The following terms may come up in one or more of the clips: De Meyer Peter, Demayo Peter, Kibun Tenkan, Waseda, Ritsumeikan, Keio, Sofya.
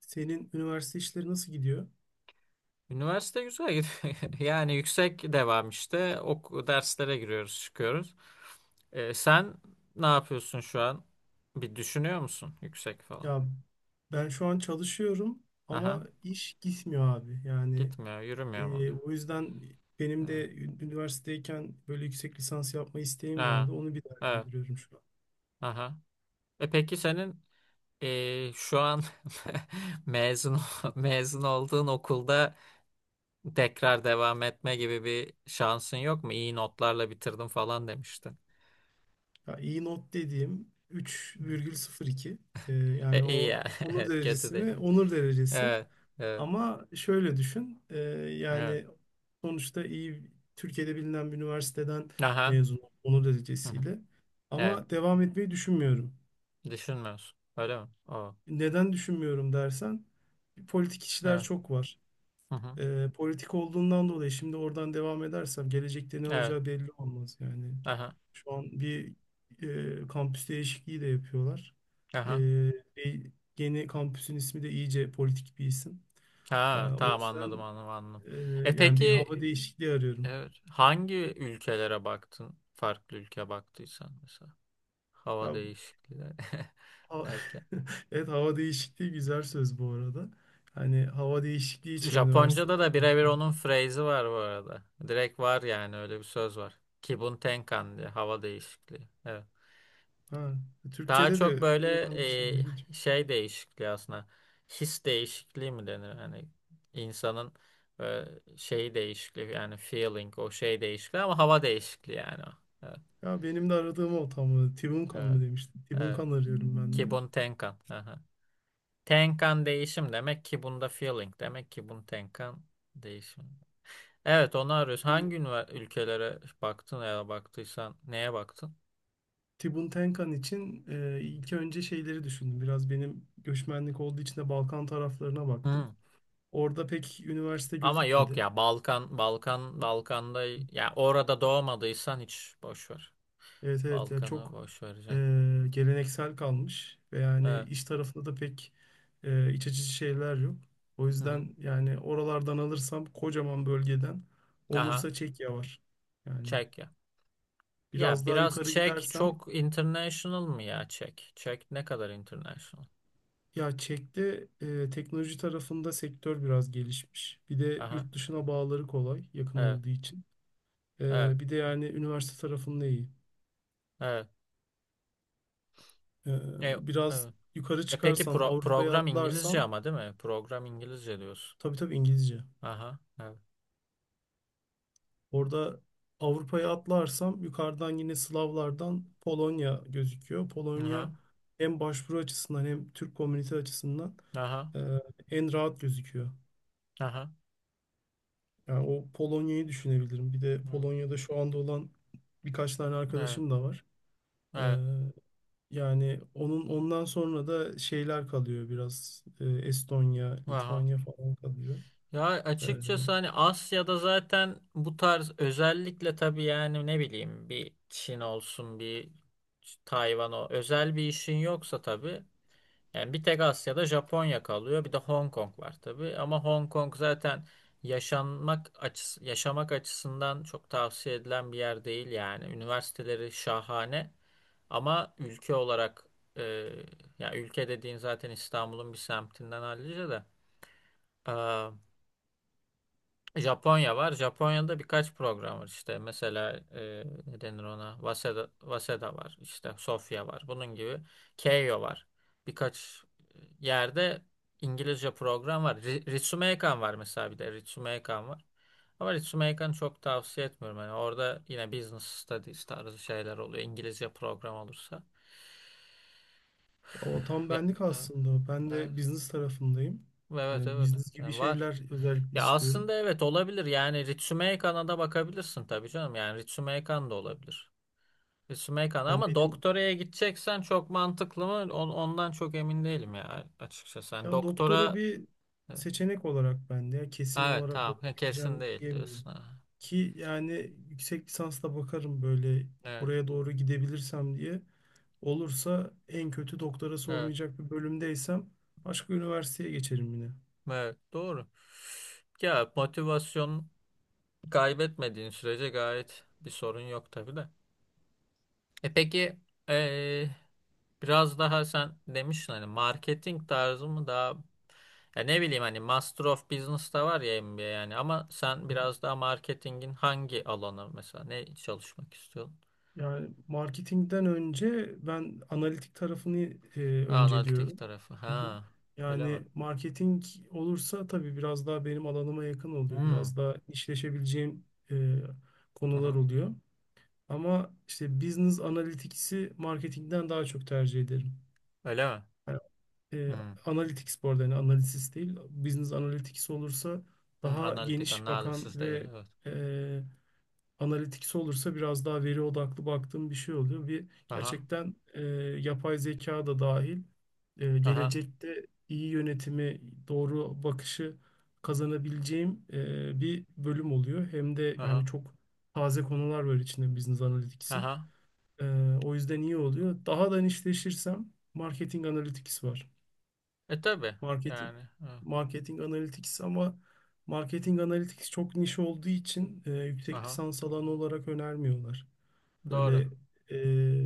Senin üniversite işleri nasıl gidiyor? Üniversite güzel gidiyor. Yani yüksek devam işte. Ok derslere giriyoruz, çıkıyoruz. Sen ne yapıyorsun şu an? Bir düşünüyor musun yüksek falan? Ya ben şu an çalışıyorum ama Aha. iş gitmiyor abi. Yani Gitmiyor, yürümüyor mu? Diyor. o yüzden benim de Evet. Üniversitedeyken böyle yüksek lisans yapma isteğim Ha. vardı. Onu bir Evet. değerlendiriyorum şu an. Aha. E peki senin şu an mezun olduğun okulda tekrar devam etme gibi bir şansın yok mu? İyi notlarla bitirdim falan demiştin. Ya iyi not dediğim 3,02. E, yani İyi ya. o onur Evet, kötü derecesi değil. mi? Onur derecesi. Evet. Evet. Ama şöyle düşün, Evet. yani sonuçta iyi Türkiye'de bilinen bir üniversiteden Aha. mezun oldum, onur Hı hı. derecesiyle. Evet. Ama devam etmeyi düşünmüyorum. Düşünmüyorsun. Öyle mi? O. Neden düşünmüyorum dersen, politik işler Evet. çok var. Hı hı. Politik olduğundan dolayı şimdi oradan devam edersem gelecekte ne Evet. olacağı belli olmaz yani. Aha. Şu an bir, kampüs değişikliği de yapıyorlar. E, Aha. e, yeni kampüsün ismi de iyice politik bir isim. E, Ha, o tamam anladım yüzden. anladım anladım. Ee, E yani bir peki hava değişikliği arıyorum. evet, hangi ülkelere baktın? Farklı ülke baktıysan mesela. Hava Ya değişikliği ha- derken. evet, hava değişikliği güzel söz bu arada. Hani hava değişikliği için Japonca'da üniversitelere da birebir baktım. onun phrase'i var bu arada. Direkt var yani öyle bir söz var. Kibun Tenkan diye hava değişikliği. Evet. Ha, Daha Türkçe'de çok de böyle kullanılan bir şey, ilginç. Şey değişikliği aslında. His değişikliği mi denir? Hani insanın e, şeyi değişikliği yani feeling o şey değişikliği ama hava değişikliği yani o. Evet. Ya benim de aradığım o tam olarak. Tibunkan Evet. mı demiştim. Evet. Tibunkan arıyorum ben de. Kibun Tenkan. Aha. Tenkan değişim demek ki bunda feeling demek ki bun Tenkan değişim. Evet onu arıyoruz. Şimdi Hangi ülkelere baktın ya da baktıysan neye baktın? Tibun Tenkan için ilk önce şeyleri düşündüm. Biraz benim göçmenlik olduğu için de Balkan taraflarına baktım. Hı. Orada pek üniversite Ama yok gözükmedi. ya Balkan Balkan Balkan'da ya orada doğmadıysan hiç boş ver. Evet, evet, ya Balkan'ı çok boş e, vereceksin. geleneksel kalmış ve yani Evet. iş tarafında da pek iç açıcı şeyler yok. O Hı hı. yüzden yani oralardan alırsam, kocaman bölgeden Aha olursa, Çekya var. Yani Çek ya. Ya biraz daha biraz yukarı Çek gidersem, çok international mı ya Çek? Çek ne kadar international? ya Çek'te teknoloji tarafında sektör biraz gelişmiş. Bir de Aha yurt dışına bağları kolay, yakın evet olduğu için. evet Bir de yani üniversite tarafında iyi. evet. E, E, biraz evet. yukarı E peki çıkarsam, Avrupa'ya program İngilizce atlarsam, ama değil mi? Program İngilizce diyorsun. tabii tabii İngilizce. Aha evet. Orada Avrupa'ya atlarsam yukarıdan, yine Slavlardan, Polonya gözüküyor. Aha Polonya hem başvuru açısından hem Türk komünite açısından aha e, en rahat gözüküyor. aha. Yani o Polonya'yı düşünebilirim. Bir de Evet Polonya'da şu anda olan birkaç tane evet arkadaşım da var. E, evet. yani onun, ondan sonra da şeyler kalıyor biraz. Estonya, Aha. Litvanya falan kalıyor. Ya E, açıkçası hani Asya'da zaten bu tarz özellikle tabii yani ne bileyim bir Çin olsun bir Tayvan o özel bir işin yoksa tabii yani bir tek Asya'da Japonya kalıyor bir de Hong Kong var tabii ama Hong Kong zaten yaşanmak açıs yaşamak açısından çok tavsiye edilen bir yer değil yani üniversiteleri şahane ama ülke olarak e, ya ülke dediğin zaten İstanbul'un bir semtinden hallice de. Japonya var. Japonya'da birkaç program var işte. Mesela ne denir ona? Waseda, Waseda var. İşte Sofya var. Bunun gibi. Keio var. Birkaç yerde İngilizce program var. Ritsumeikan var mesela bir de. Ritsumeikan var. Ama Ritsumeikan'ı çok tavsiye etmiyorum. Yani orada yine business studies tarzı şeyler oluyor. İngilizce program olursa. O tam Ve, benlik e, aslında. Ben e, de business tarafındayım. evet Hani evet. business gibi Yani var. şeyler özellikle Ya istiyorum. aslında evet olabilir. Yani Ritsumei Kan'a da bakabilirsin tabii canım. Yani Ritsumei Kan da olabilir. Ritsumei Kan Hani ama benim doktoraya gideceksen çok mantıklı mı? Ondan çok emin değilim ya açıkçası. Yani ben doktora doktora bir evet, seçenek olarak ben de ya kesin evet olarak tamam oraya kesin gideceğim değil diyemiyorum. diyorsun. Ha. Ki yani yüksek lisansla bakarım, böyle Evet, oraya doğru gidebilirsem diye. Olursa, en kötü doktorası evet, olmayacak bir bölümdeysem, başka üniversiteye geçerim yine. evet doğru. Ya motivasyon kaybetmediğin sürece gayet bir sorun yok tabii de. E peki eee, biraz daha sen demiştin hani marketing tarzı mı daha ya ne bileyim hani Master of Business'ta var ya MBA yani ama sen biraz daha marketingin hangi alanı mesela ne çalışmak istiyorsun? Yani marketingden önce ben analitik tarafını e, Ha, analitik önceliyorum. tarafı. Hı hı. Ha, öyle mi? Yani marketing olursa tabii biraz daha benim alanıma yakın oluyor. Hmm. Biraz daha işleşebileceğim e, Hı konular hı. oluyor. Ama işte business analitikisi marketingden daha çok tercih ederim. Öyle mi? Yani, e, Hmm. analytics bu arada, yani analiz değil. Business analytics olursa Hmm. daha Analitik geniş bakan analysis değil ve, evet. e, analitiksi olursa, biraz daha veri odaklı baktığım bir şey oluyor. Bir Aha. gerçekten yapay zeka da dahil, Aha. gelecekte iyi yönetimi, doğru bakışı kazanabileceğim bir bölüm oluyor. Hem de yani Aha. çok taze konular var içinde Business Analytics'in. Aha. E, o yüzden iyi oluyor. Daha da nişleşirsem Marketing Analytics var. E tabii Marketing yani. Evet. Marketing Analytics, ama Marketing Analytics çok niş olduğu için yüksek Aha. lisans alanı olarak önermiyorlar. Doğru. Böyle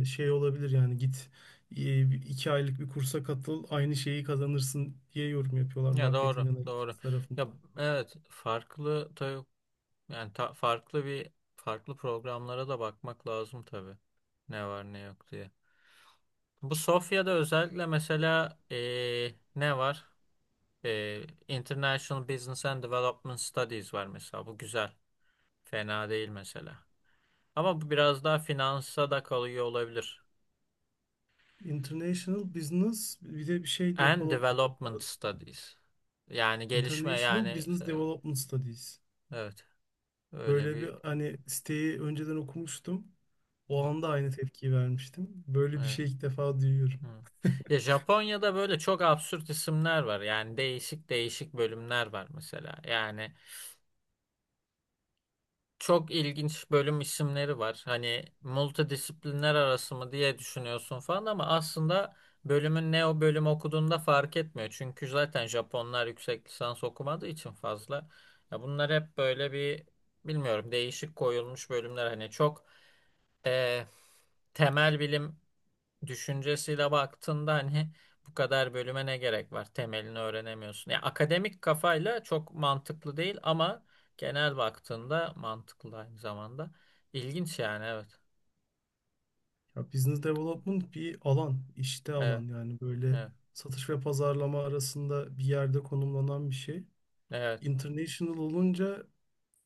şey olabilir yani, git e, 2 aylık bir kursa katıl, aynı şeyi kazanırsın diye yorum yapıyorlar Ya doğru, marketing doğru. analytics Ya tarafından. evet farklı tabii yani farklı bir farklı programlara da bakmak lazım tabii. Ne var ne yok diye. Bu Sofya'da özellikle mesela ne var? International Business and Development Studies var mesela. Bu güzel. Fena değil mesela. Ama bu biraz daha finansa da kalıyor olabilir. International Business, bir de bir şey And development Development var. Studies. Yani gelişme International yani Business işte, Development Studies. evet öyle Böyle bir bir, hani, siteyi önceden okumuştum. O anda aynı tepkiyi vermiştim: böyle bir evet. şey ilk defa duyuyorum. Hı. Ya Japonya'da böyle çok absürt isimler var. Yani değişik değişik bölümler var mesela. Yani çok ilginç bölüm isimleri var. Hani multidisiplinler arası mı diye düşünüyorsun falan ama aslında bölümün ne o bölüm okuduğunda fark etmiyor. Çünkü zaten Japonlar yüksek lisans okumadığı için fazla. Ya bunlar hep böyle bir bilmiyorum değişik koyulmuş bölümler. Hani çok eh, temel bilim düşüncesiyle baktığında hani bu kadar bölüme ne gerek var? Temelini öğrenemiyorsun. Ya akademik kafayla çok mantıklı değil ama genel baktığında mantıklı aynı zamanda. İlginç yani evet. Ya business development bir alan, işte Evet, alan yani, böyle evet, satış ve pazarlama arasında bir yerde konumlanan bir şey. evet. International olunca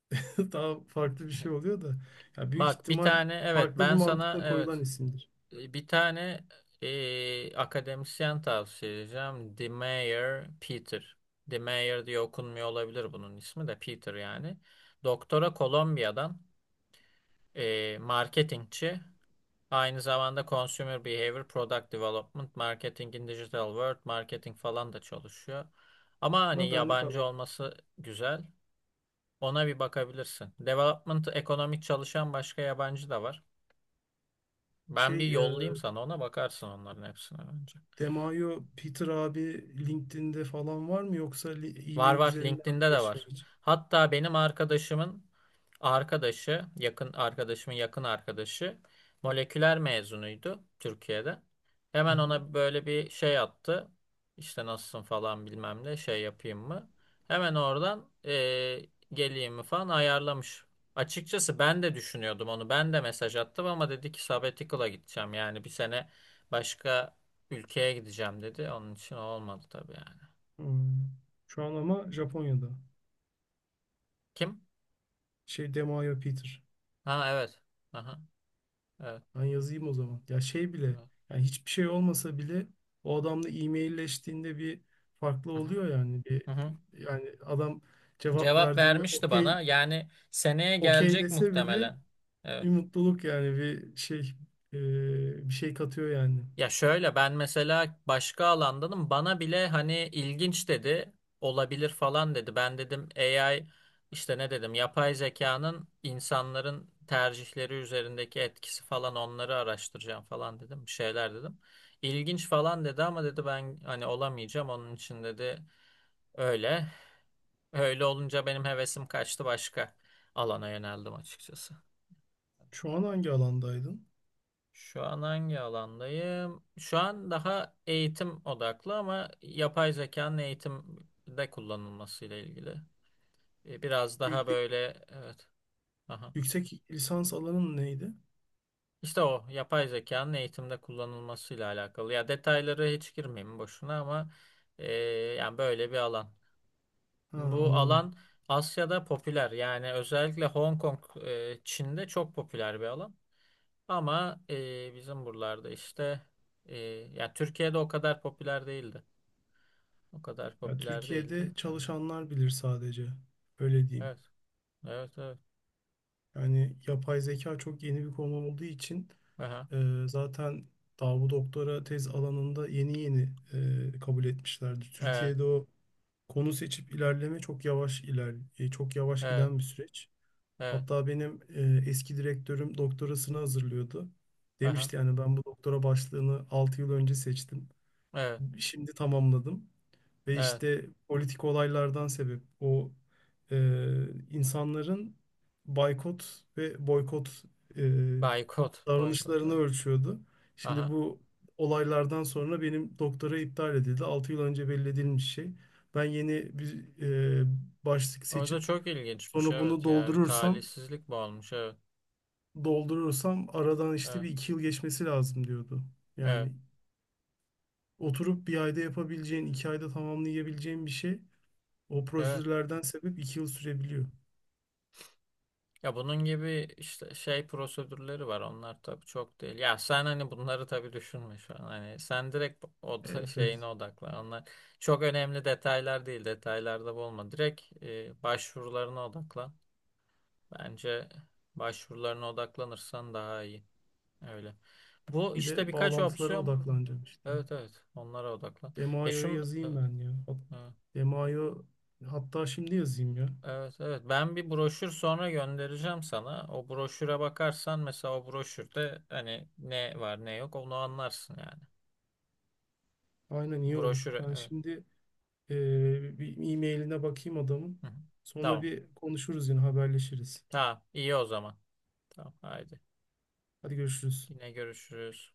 daha farklı bir şey oluyor da. Ya büyük Bak bir ihtimal tane evet farklı bir ben sana mantıkla koyulan evet isimdir. bir tane akademisyen tavsiye edeceğim. De Meyer Peter. De Meyer diye okunmuyor olabilir bunun ismi de Peter yani. Doktora Kolombiya'dan marketingçi. Aynı zamanda Consumer Behavior, Product Development, Marketing Digital World, Marketing falan da çalışıyor. Ama hani Ama benlik yabancı alan. olması güzel. Ona bir bakabilirsin. Development, ekonomik çalışan başka yabancı da var. Ben bir Şey, yollayayım sana ona bakarsın onların hepsine önce. Demayo Peter abi LinkedIn'de falan var mı, yoksa Var e-mail var. üzerinden mi LinkedIn'de de iletişime var. geçiyor? Hatta benim arkadaşımın arkadaşı, yakın arkadaşımın yakın arkadaşı moleküler mezunuydu Türkiye'de. Hı Hemen hı. ona böyle bir şey attı. İşte nasılsın falan bilmem ne şey yapayım mı? Hemen oradan geleyim mi falan ayarlamış. Açıkçası ben de düşünüyordum onu. Ben de mesaj attım ama dedi ki sabbatical'a gideceğim. Yani bir sene başka ülkeye gideceğim dedi. Onun için olmadı tabii yani. Hmm. Şu an ama Japonya'da. Kim? Şey, Demayo Peter. Ha evet. Aha, evet. Ben yazayım o zaman. Ya şey bile, Evet. yani hiçbir şey olmasa bile, o adamla e-mailleştiğinde bir farklı Hı hı, oluyor yani. Bir, hı hı. yani adam cevap Cevap verdiğinde vermişti okey, bana. Yani seneye okey gelecek dese bile muhtemelen. Evet. bir mutluluk, yani bir şey, bir şey katıyor yani. Ya şöyle ben mesela başka alandanım. Bana bile hani ilginç dedi. Olabilir falan dedi. Ben dedim AI işte ne dedim yapay zekanın insanların tercihleri üzerindeki etkisi falan onları araştıracağım falan dedim. Bir şeyler dedim. İlginç falan dedi ama dedi ben hani olamayacağım. Onun için dedi öyle. Öyle olunca benim hevesim kaçtı başka alana yöneldim açıkçası. Şu an hangi alandaydın? Şu an hangi alandayım? Şu an daha eğitim odaklı ama yapay zekanın eğitimde kullanılmasıyla ilgili. Biraz Büyük daha böyle evet. Aha. Yüksek lisans alanın neydi? İşte o yapay zekanın eğitimde kullanılmasıyla alakalı. Ya detayları hiç girmeyeyim boşuna ama e, yani böyle bir alan. Ha, Bu anladım. alan Asya'da popüler. Yani özellikle Hong Kong, Çin'de çok popüler bir alan. Ama bizim buralarda işte e, ya Türkiye'de o kadar popüler değildi. O kadar Ya, popüler değildi. Türkiye'de Evet. çalışanlar bilir sadece. Öyle diyeyim. Evet, evet. Evet. Yani yapay zeka çok yeni bir konu olduğu için Aha. Zaten daha bu doktora tez alanında yeni yeni kabul etmişlerdi. Evet, Türkiye'de o konu seçip ilerleme çok yavaş çok yavaş evet, giden bir süreç. evet. Hatta benim eski direktörüm doktorasını hazırlıyordu. Aha. Demişti yani ben bu doktora başlığını 6 yıl önce seçtim. Evet, Şimdi tamamladım. Ve evet. işte politik olaylardan sebep o, e, insanların baykot ve boykot e, Boykot, boykot. davranışlarını Evet. ölçüyordu. Şimdi Aha. bu olaylardan sonra benim doktora iptal edildi. 6 yıl önce belli edilmiş şey. Ben yeni bir e, başlık O da seçip çok ilginçmiş sonra bunu evet ya. Bir doldurursam talihsizlik bu olmuş evet. doldurursam aradan işte Evet. bir iki yıl geçmesi lazım diyordu. Evet. Yani oturup 1 ayda yapabileceğin, 2 ayda tamamlayabileceğin bir şey, o Evet. prosedürlerden sebep 2 yıl sürebiliyor. Ya bunun gibi işte şey prosedürleri var. Onlar tabii çok değil. Ya sen hani bunları tabii düşünme şu an. Hani sen direkt o da Evet, şeyine evet. odaklan. Onlar çok önemli detaylar değil. Detaylarda olma. Direkt başvurularına odaklan. Bence başvurularına odaklanırsan daha iyi. Öyle. Bu Bir işte de birkaç bağlantılara opsiyon. odaklanacağım işte. Evet evet. Onlara odaklan. Ya Demaio'ya yazayım evet. ben ya. Evet. Demaio, hatta şimdi yazayım ya. Evet evet ben bir broşür sonra göndereceğim sana. O broşüre bakarsan mesela o broşürde hani ne var ne yok onu anlarsın yani. Aynen, iyi olur. Broşür, Ben evet. şimdi, bir e-mailine bakayım adamın. Hı hı. Sonra Tamam. bir konuşuruz, yine haberleşiriz. Tamam. iyi o zaman. Tamam haydi. Hadi görüşürüz. Yine görüşürüz.